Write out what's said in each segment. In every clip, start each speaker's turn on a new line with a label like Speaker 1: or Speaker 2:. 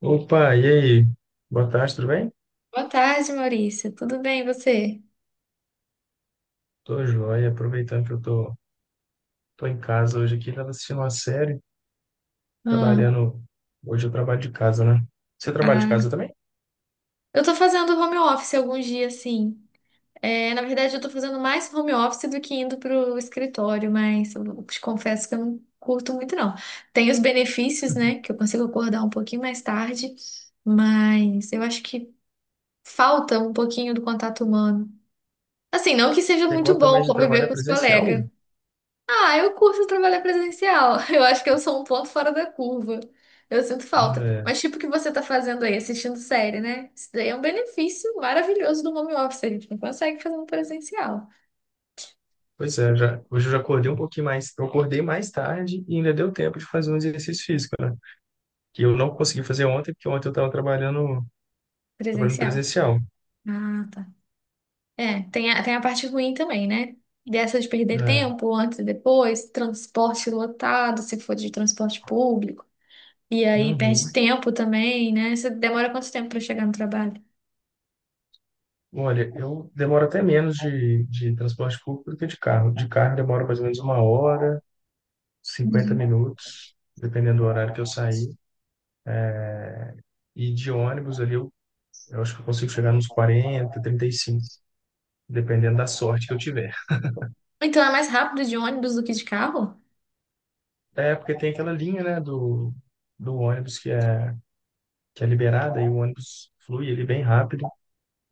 Speaker 1: Opa, e aí? Boa tarde, tudo bem?
Speaker 2: Boa tarde, Maurício. Tudo bem, e você?
Speaker 1: Tô joia, aproveitando que eu tô em casa hoje aqui, tava assistindo uma série,
Speaker 2: Ah,
Speaker 1: trabalhando. Hoje eu trabalho de casa, né? Você trabalha de
Speaker 2: ah.
Speaker 1: casa também?
Speaker 2: Eu tô fazendo home office alguns dias, sim. É, na verdade, eu tô fazendo mais home office do que indo pro escritório, mas eu te confesso que eu não curto muito, não. Tem os benefícios, né, que eu consigo acordar um pouquinho mais tarde, mas eu acho que falta um pouquinho do contato humano. Assim, não que seja
Speaker 1: Você
Speaker 2: muito
Speaker 1: gosta
Speaker 2: bom
Speaker 1: mais de
Speaker 2: conviver
Speaker 1: trabalhar
Speaker 2: com os
Speaker 1: presencial?
Speaker 2: colegas. Ah, eu curto trabalhar presencial. Eu acho que eu sou um ponto fora da curva. Eu sinto falta.
Speaker 1: É,
Speaker 2: Mas tipo o que você tá fazendo aí, assistindo série, né? Isso daí é um benefício maravilhoso do home office. A gente não consegue fazer no presencial.
Speaker 1: pois é, já, hoje eu já acordei um pouquinho mais, eu acordei mais tarde e ainda deu tempo de fazer um exercício físico, né? Que eu não consegui fazer ontem, porque ontem eu tava trabalhando
Speaker 2: Presencial.
Speaker 1: presencial.
Speaker 2: Ah, tá. É, tem a parte ruim também, né? Dessa de perder
Speaker 1: É.
Speaker 2: tempo antes e depois, transporte lotado, se for de transporte público. E aí perde
Speaker 1: Uhum.
Speaker 2: tempo também, né? Você demora quanto tempo pra chegar no trabalho?
Speaker 1: Olha, eu demoro até menos de transporte público do que de carro. De carro demora mais ou menos uma hora, cinquenta
Speaker 2: Uhum.
Speaker 1: minutos, dependendo do horário que eu sair. E de ônibus ali, eu acho que eu consigo chegar nos 40 35 dependendo da sorte que eu tiver.
Speaker 2: Então é mais rápido de ônibus do que de carro?
Speaker 1: É, porque tem aquela linha, né, do ônibus que é liberada e o ônibus flui ali bem rápido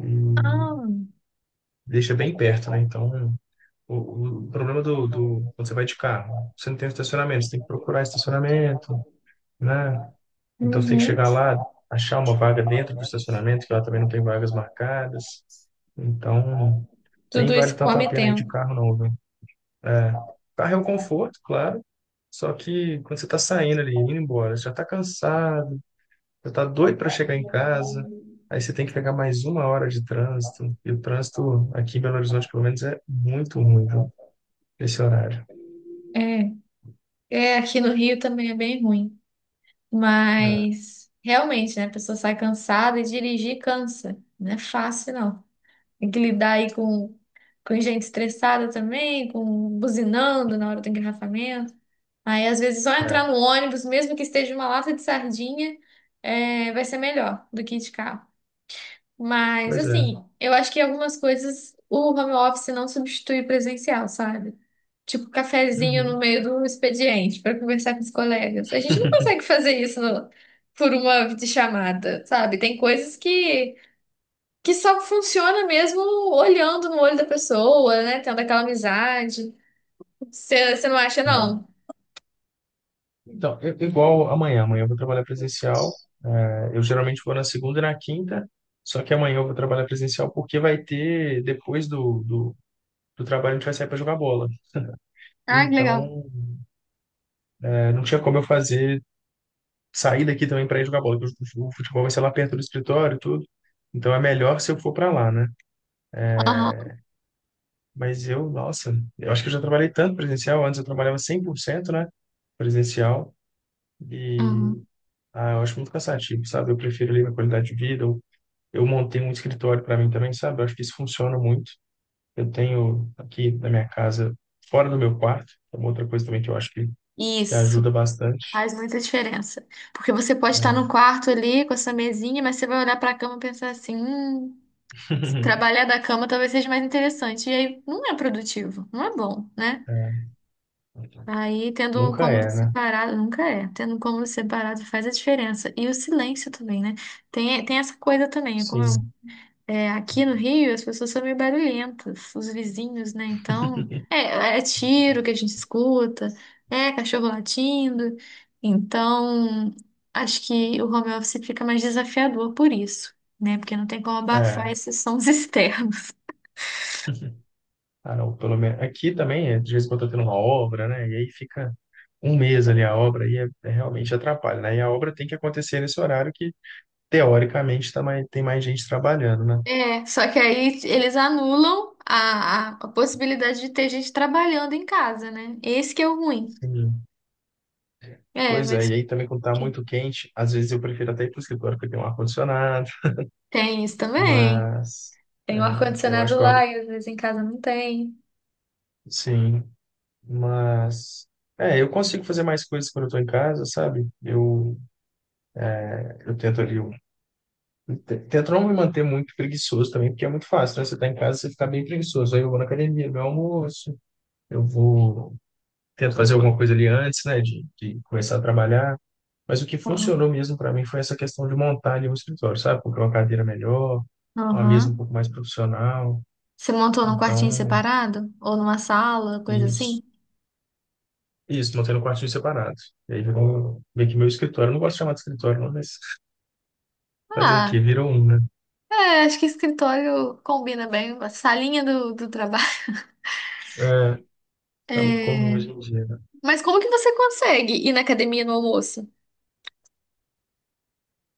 Speaker 1: e
Speaker 2: Ah.
Speaker 1: deixa bem perto, né? Então, o problema quando você vai de carro, você não tem estacionamento, você tem que procurar estacionamento, né? Então, você tem que
Speaker 2: Uhum.
Speaker 1: chegar lá, achar uma vaga dentro do estacionamento, que lá também não tem vagas marcadas. Então, nem
Speaker 2: Tudo
Speaker 1: vale
Speaker 2: isso
Speaker 1: tanto a
Speaker 2: come
Speaker 1: pena ir de
Speaker 2: tempo.
Speaker 1: carro, não, viu? É, carro é um conforto, claro, só que quando você tá saindo ali, indo embora, você já tá cansado, já tá doido para chegar em casa, aí você tem que pegar mais uma hora de trânsito, e o trânsito aqui em Belo Horizonte, pelo menos, é muito ruim, viu? Esse horário.
Speaker 2: É, é, aqui no Rio também é bem ruim.
Speaker 1: É,
Speaker 2: Mas realmente, né? A pessoa sai cansada e dirigir cansa. Não é fácil, não. Tem que lidar aí com gente estressada também, com buzinando na hora do engarrafamento. Aí, às vezes, só
Speaker 1: é.
Speaker 2: entrar no ônibus, mesmo que esteja uma lata de sardinha, é, vai ser melhor do que ir de carro. Mas,
Speaker 1: Pois é.
Speaker 2: assim, eu acho que algumas coisas o home office não substitui o presencial, sabe? Tipo, cafezinho no
Speaker 1: Uhum.
Speaker 2: meio do expediente para conversar com os colegas. A gente não consegue fazer isso por uma videochamada, sabe? Tem coisas que só funciona mesmo olhando no olho da pessoa, né? Tendo aquela amizade. Você não acha,
Speaker 1: É.
Speaker 2: não?
Speaker 1: Então, igual amanhã eu vou trabalhar presencial. É, eu geralmente vou na segunda e na quinta, só que amanhã eu vou trabalhar presencial porque vai ter, depois do trabalho a gente vai sair para jogar bola.
Speaker 2: Ah, que legal.
Speaker 1: Então, é, não tinha como eu fazer sair daqui também para ir jogar bola, porque o futebol vai ser lá perto do escritório e tudo. Então é melhor se eu for para lá, né?
Speaker 2: Aham,
Speaker 1: Mas eu, nossa, eu acho que eu já trabalhei tanto presencial, antes eu trabalhava 100%, né, presencial e
Speaker 2: aham.
Speaker 1: ah, eu acho muito cansativo, sabe? Eu prefiro ali minha qualidade de vida, eu montei um escritório para mim também, sabe? Eu acho que isso funciona muito. Eu tenho aqui na minha casa, fora do meu quarto, é uma outra coisa também que eu acho que
Speaker 2: Isso.
Speaker 1: ajuda bastante.
Speaker 2: Faz muita diferença. Porque você pode estar no
Speaker 1: Né?
Speaker 2: quarto ali com essa mesinha, mas você vai olhar para a cama e pensar assim: se trabalhar da cama talvez seja mais interessante. E aí não é produtivo, não é bom, né?
Speaker 1: É,
Speaker 2: Aí tendo um
Speaker 1: nunca
Speaker 2: cômodo
Speaker 1: é, né?
Speaker 2: separado, nunca é. Tendo um cômodo separado faz a diferença e o silêncio também né tem essa coisa também. Como eu
Speaker 1: Sim.
Speaker 2: É, aqui no Rio, as pessoas são meio barulhentas, os vizinhos, né? Então, é tiro que a gente escuta, é cachorro latindo. Então, acho que o home office fica mais desafiador por isso, né? Porque não tem como abafar
Speaker 1: É.
Speaker 2: esses sons externos.
Speaker 1: Ah, não, pelo menos aqui também, é, de vez em quando tá tendo uma obra, né? E aí fica um mês ali a obra e é realmente atrapalha, né? E a obra tem que acontecer nesse horário que, teoricamente, tá mais, tem mais gente trabalhando, né?
Speaker 2: É, só que aí eles anulam a possibilidade de ter gente trabalhando em casa, né? Esse que é o ruim.
Speaker 1: Sim.
Speaker 2: É,
Speaker 1: Pois é,
Speaker 2: mas
Speaker 1: e aí também quando tá
Speaker 2: que-
Speaker 1: muito quente, às vezes eu prefiro até ir pro escritório porque tem um ar-condicionado,
Speaker 2: tem isso também.
Speaker 1: mas
Speaker 2: Tem o
Speaker 1: é, eu
Speaker 2: ar-condicionado
Speaker 1: acho que,
Speaker 2: lá e às vezes em casa não tem.
Speaker 1: sim, mas, é, eu consigo fazer mais coisas quando eu tô em casa, sabe? Eu tento ali, eu tento não me manter muito preguiçoso também, porque é muito fácil, né? Você tá em casa, você fica bem preguiçoso. Aí eu vou na academia, meu almoço, eu vou, tento fazer alguma coisa ali antes, né, de começar a trabalhar. Mas o que funcionou mesmo para mim foi essa questão de montar ali um escritório, sabe? Comprar uma cadeira melhor, uma mesa um
Speaker 2: Aham.
Speaker 1: pouco mais profissional.
Speaker 2: Você montou num quartinho
Speaker 1: Então, é
Speaker 2: separado? Ou numa sala, coisa assim?
Speaker 1: isso. Isso, mantendo o quartinho separado. E aí virou meio que meu escritório. Eu não gosto de chamar de escritório, não, mas fazer o quê?
Speaker 2: Ah,
Speaker 1: Virou um, né?
Speaker 2: é, acho que escritório combina bem, a salinha do trabalho.
Speaker 1: É, tá muito comum
Speaker 2: É,
Speaker 1: hoje em dia, né?
Speaker 2: mas como que você consegue ir na academia no almoço?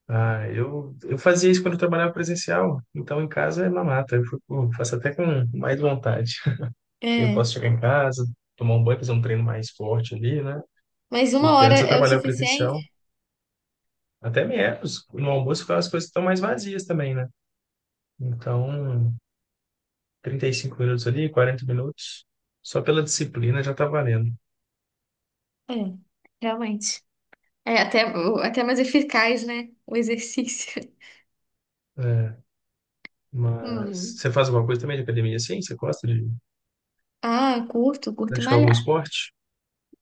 Speaker 1: Ah, eu fazia isso quando eu trabalhava presencial, então em casa é mamata. Faço até com mais vontade. Eu
Speaker 2: É,
Speaker 1: posso chegar em casa, tomar um banho, fazer um treino mais forte ali, né?
Speaker 2: mas uma
Speaker 1: Porque
Speaker 2: hora
Speaker 1: antes eu
Speaker 2: é o
Speaker 1: trabalhava presencial,
Speaker 2: suficiente?
Speaker 1: até menos. No almoço as coisas estão mais vazias também, né? Então, 35 minutos ali, 40 minutos, só pela disciplina já tá valendo.
Speaker 2: É, realmente. É até mais eficaz, né? O exercício.
Speaker 1: É, mas
Speaker 2: Hum.
Speaker 1: você faz alguma coisa também de academia assim? Você gosta de
Speaker 2: Ah, curto, curto
Speaker 1: praticar algum
Speaker 2: malhar.
Speaker 1: esporte?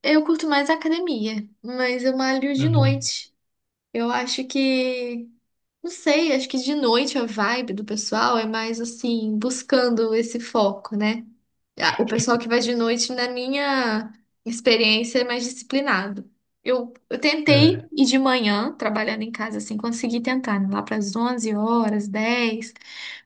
Speaker 2: Eu curto mais a academia, mas eu malho de
Speaker 1: Uhum.
Speaker 2: noite. Eu acho que, não sei, acho que de noite a vibe do pessoal é mais assim, buscando esse foco, né? Ah, o pessoal que vai de noite, na minha experiência, é mais disciplinado. Eu tentei
Speaker 1: É,
Speaker 2: ir de manhã, trabalhando em casa, assim, consegui tentar, né, lá para as 11 horas, 10,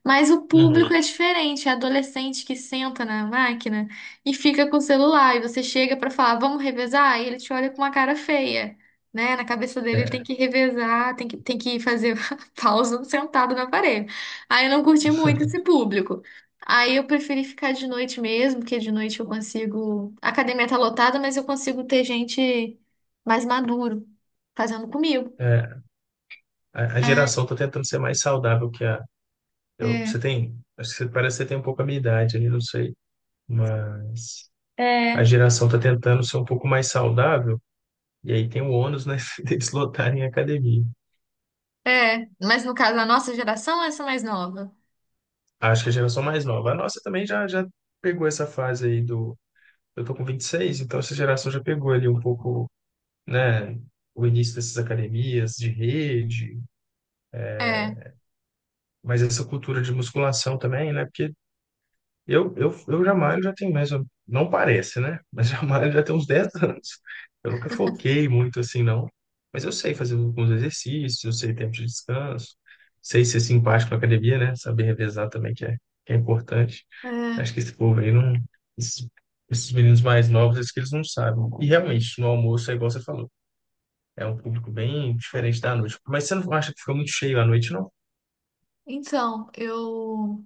Speaker 2: mas o público é
Speaker 1: uhum,
Speaker 2: diferente, é adolescente que senta na máquina e fica com o celular, e você chega para falar, vamos revezar, e ele te olha com uma cara feia, né? Na cabeça dele ele tem
Speaker 1: é,
Speaker 2: que revezar, tem que fazer pausa sentado na parede. Aí eu não curti muito esse público. Aí eu preferi ficar de noite mesmo, porque de noite eu consigo. A academia tá lotada, mas eu consigo ter gente mais maduro fazendo comigo.
Speaker 1: é. A
Speaker 2: Ah,
Speaker 1: geração está tentando ser mais saudável que a. Eu, você
Speaker 2: é.
Speaker 1: tem. Acho que você, parece que você tem um pouco a minha idade ali, não sei. Mas a
Speaker 2: É.
Speaker 1: geração está tentando ser um pouco mais saudável, e aí tem o ônus, né, deles lotarem a academia.
Speaker 2: É, mas no caso, a nossa geração, essa mais nova.
Speaker 1: Acho que a geração mais nova. A nossa também já pegou essa fase aí do. Eu tô com 26 então essa geração já pegou ali um pouco, né, o início dessas academias de rede,
Speaker 2: É,
Speaker 1: mas essa cultura de musculação também, né? Eu jamais já tenho mais, não parece, né? Mas jamais já tem uns 10 anos. Eu nunca foquei muito assim, não. Mas eu sei fazer alguns exercícios, eu sei tempo de descanso, sei ser simpático na academia, né? Saber revezar também, que é importante.
Speaker 2: é.
Speaker 1: Acho que esse povo aí não. Esses, esses meninos mais novos, acho que eles não sabem. E realmente, no almoço é igual você falou. É um público bem diferente da noite. Mas você não acha que fica muito cheio à noite, não?
Speaker 2: Então, eu.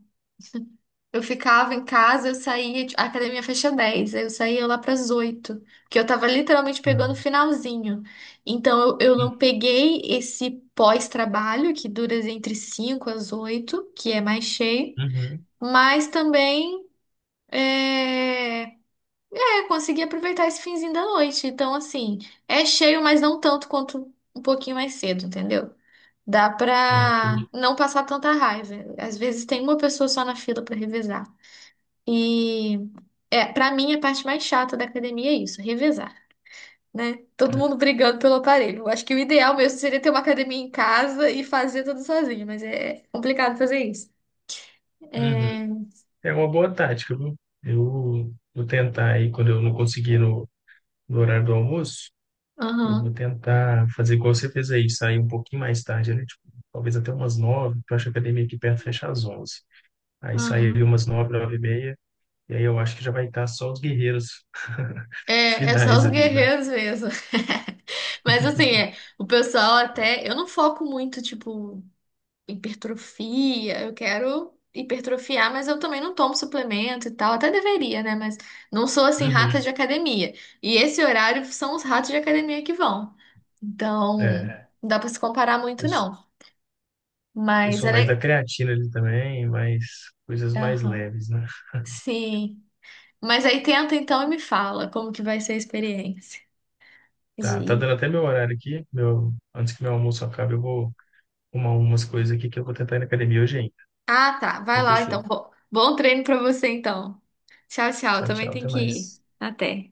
Speaker 2: Eu ficava em casa, eu saía, tipo, a academia fecha 10, aí eu saía lá para as 8, porque eu tava literalmente pegando o
Speaker 1: Não.
Speaker 2: finalzinho. Então eu não peguei esse pós-trabalho, que dura entre 5 às 8, que é mais cheio,
Speaker 1: Uhum.
Speaker 2: mas também é, é, consegui aproveitar esse finzinho da noite. Então, assim, é cheio, mas não tanto quanto um pouquinho mais cedo, entendeu? Dá
Speaker 1: Ah,
Speaker 2: pra
Speaker 1: entendi.
Speaker 2: não passar tanta raiva. Às vezes tem uma pessoa só na fila para revezar. E é, para mim a parte mais chata da academia é isso, é revezar, né? Todo
Speaker 1: É.
Speaker 2: mundo brigando pelo aparelho. Eu acho que o ideal mesmo seria ter uma academia em casa e fazer tudo sozinho, mas é complicado fazer isso.
Speaker 1: Uhum.
Speaker 2: É,
Speaker 1: É uma boa tática, viu? Eu vou tentar aí, quando eu não conseguir no horário do almoço, eu vou
Speaker 2: aham,
Speaker 1: tentar fazer igual você fez aí, sair um pouquinho mais tarde, né? Tipo, talvez até umas 9h, porque eu acho que a academia aqui perto fecha às 11h. Aí sair ali
Speaker 2: aham.
Speaker 1: umas 9h, 9h30, e aí eu acho que já vai estar só os guerreiros
Speaker 2: É, é só
Speaker 1: finais
Speaker 2: os
Speaker 1: ali, né?
Speaker 2: guerreiros mesmo. Mas assim, é, o pessoal até. Eu não foco muito, tipo, hipertrofia, eu quero hipertrofiar, mas eu também não tomo suplemento e tal, até deveria, né? Mas não sou assim rata
Speaker 1: Uhum.
Speaker 2: de academia. E esse horário são os ratos de academia que vão. Então,
Speaker 1: É,
Speaker 2: é, não dá pra se comparar muito,
Speaker 1: eu, sou-
Speaker 2: não.
Speaker 1: eu
Speaker 2: Mas
Speaker 1: sou
Speaker 2: ela
Speaker 1: mais da
Speaker 2: é.
Speaker 1: creatina ali também, mais coisas mais
Speaker 2: Aham.
Speaker 1: leves, né?
Speaker 2: Sim. Mas aí tenta então e me fala como que vai ser a experiência de
Speaker 1: Tá, tá dando
Speaker 2: ir.
Speaker 1: até meu horário aqui, meu, antes que meu almoço acabe, eu vou umas coisas aqui que eu vou tentar ir na academia hoje ainda.
Speaker 2: Ah, tá. Vai
Speaker 1: Então,
Speaker 2: lá então.
Speaker 1: fechou.
Speaker 2: Bom, bom treino pra você então. Tchau, tchau.
Speaker 1: Tchau,
Speaker 2: Também
Speaker 1: tchau.
Speaker 2: tem
Speaker 1: Até
Speaker 2: que ir.
Speaker 1: mais.
Speaker 2: Até.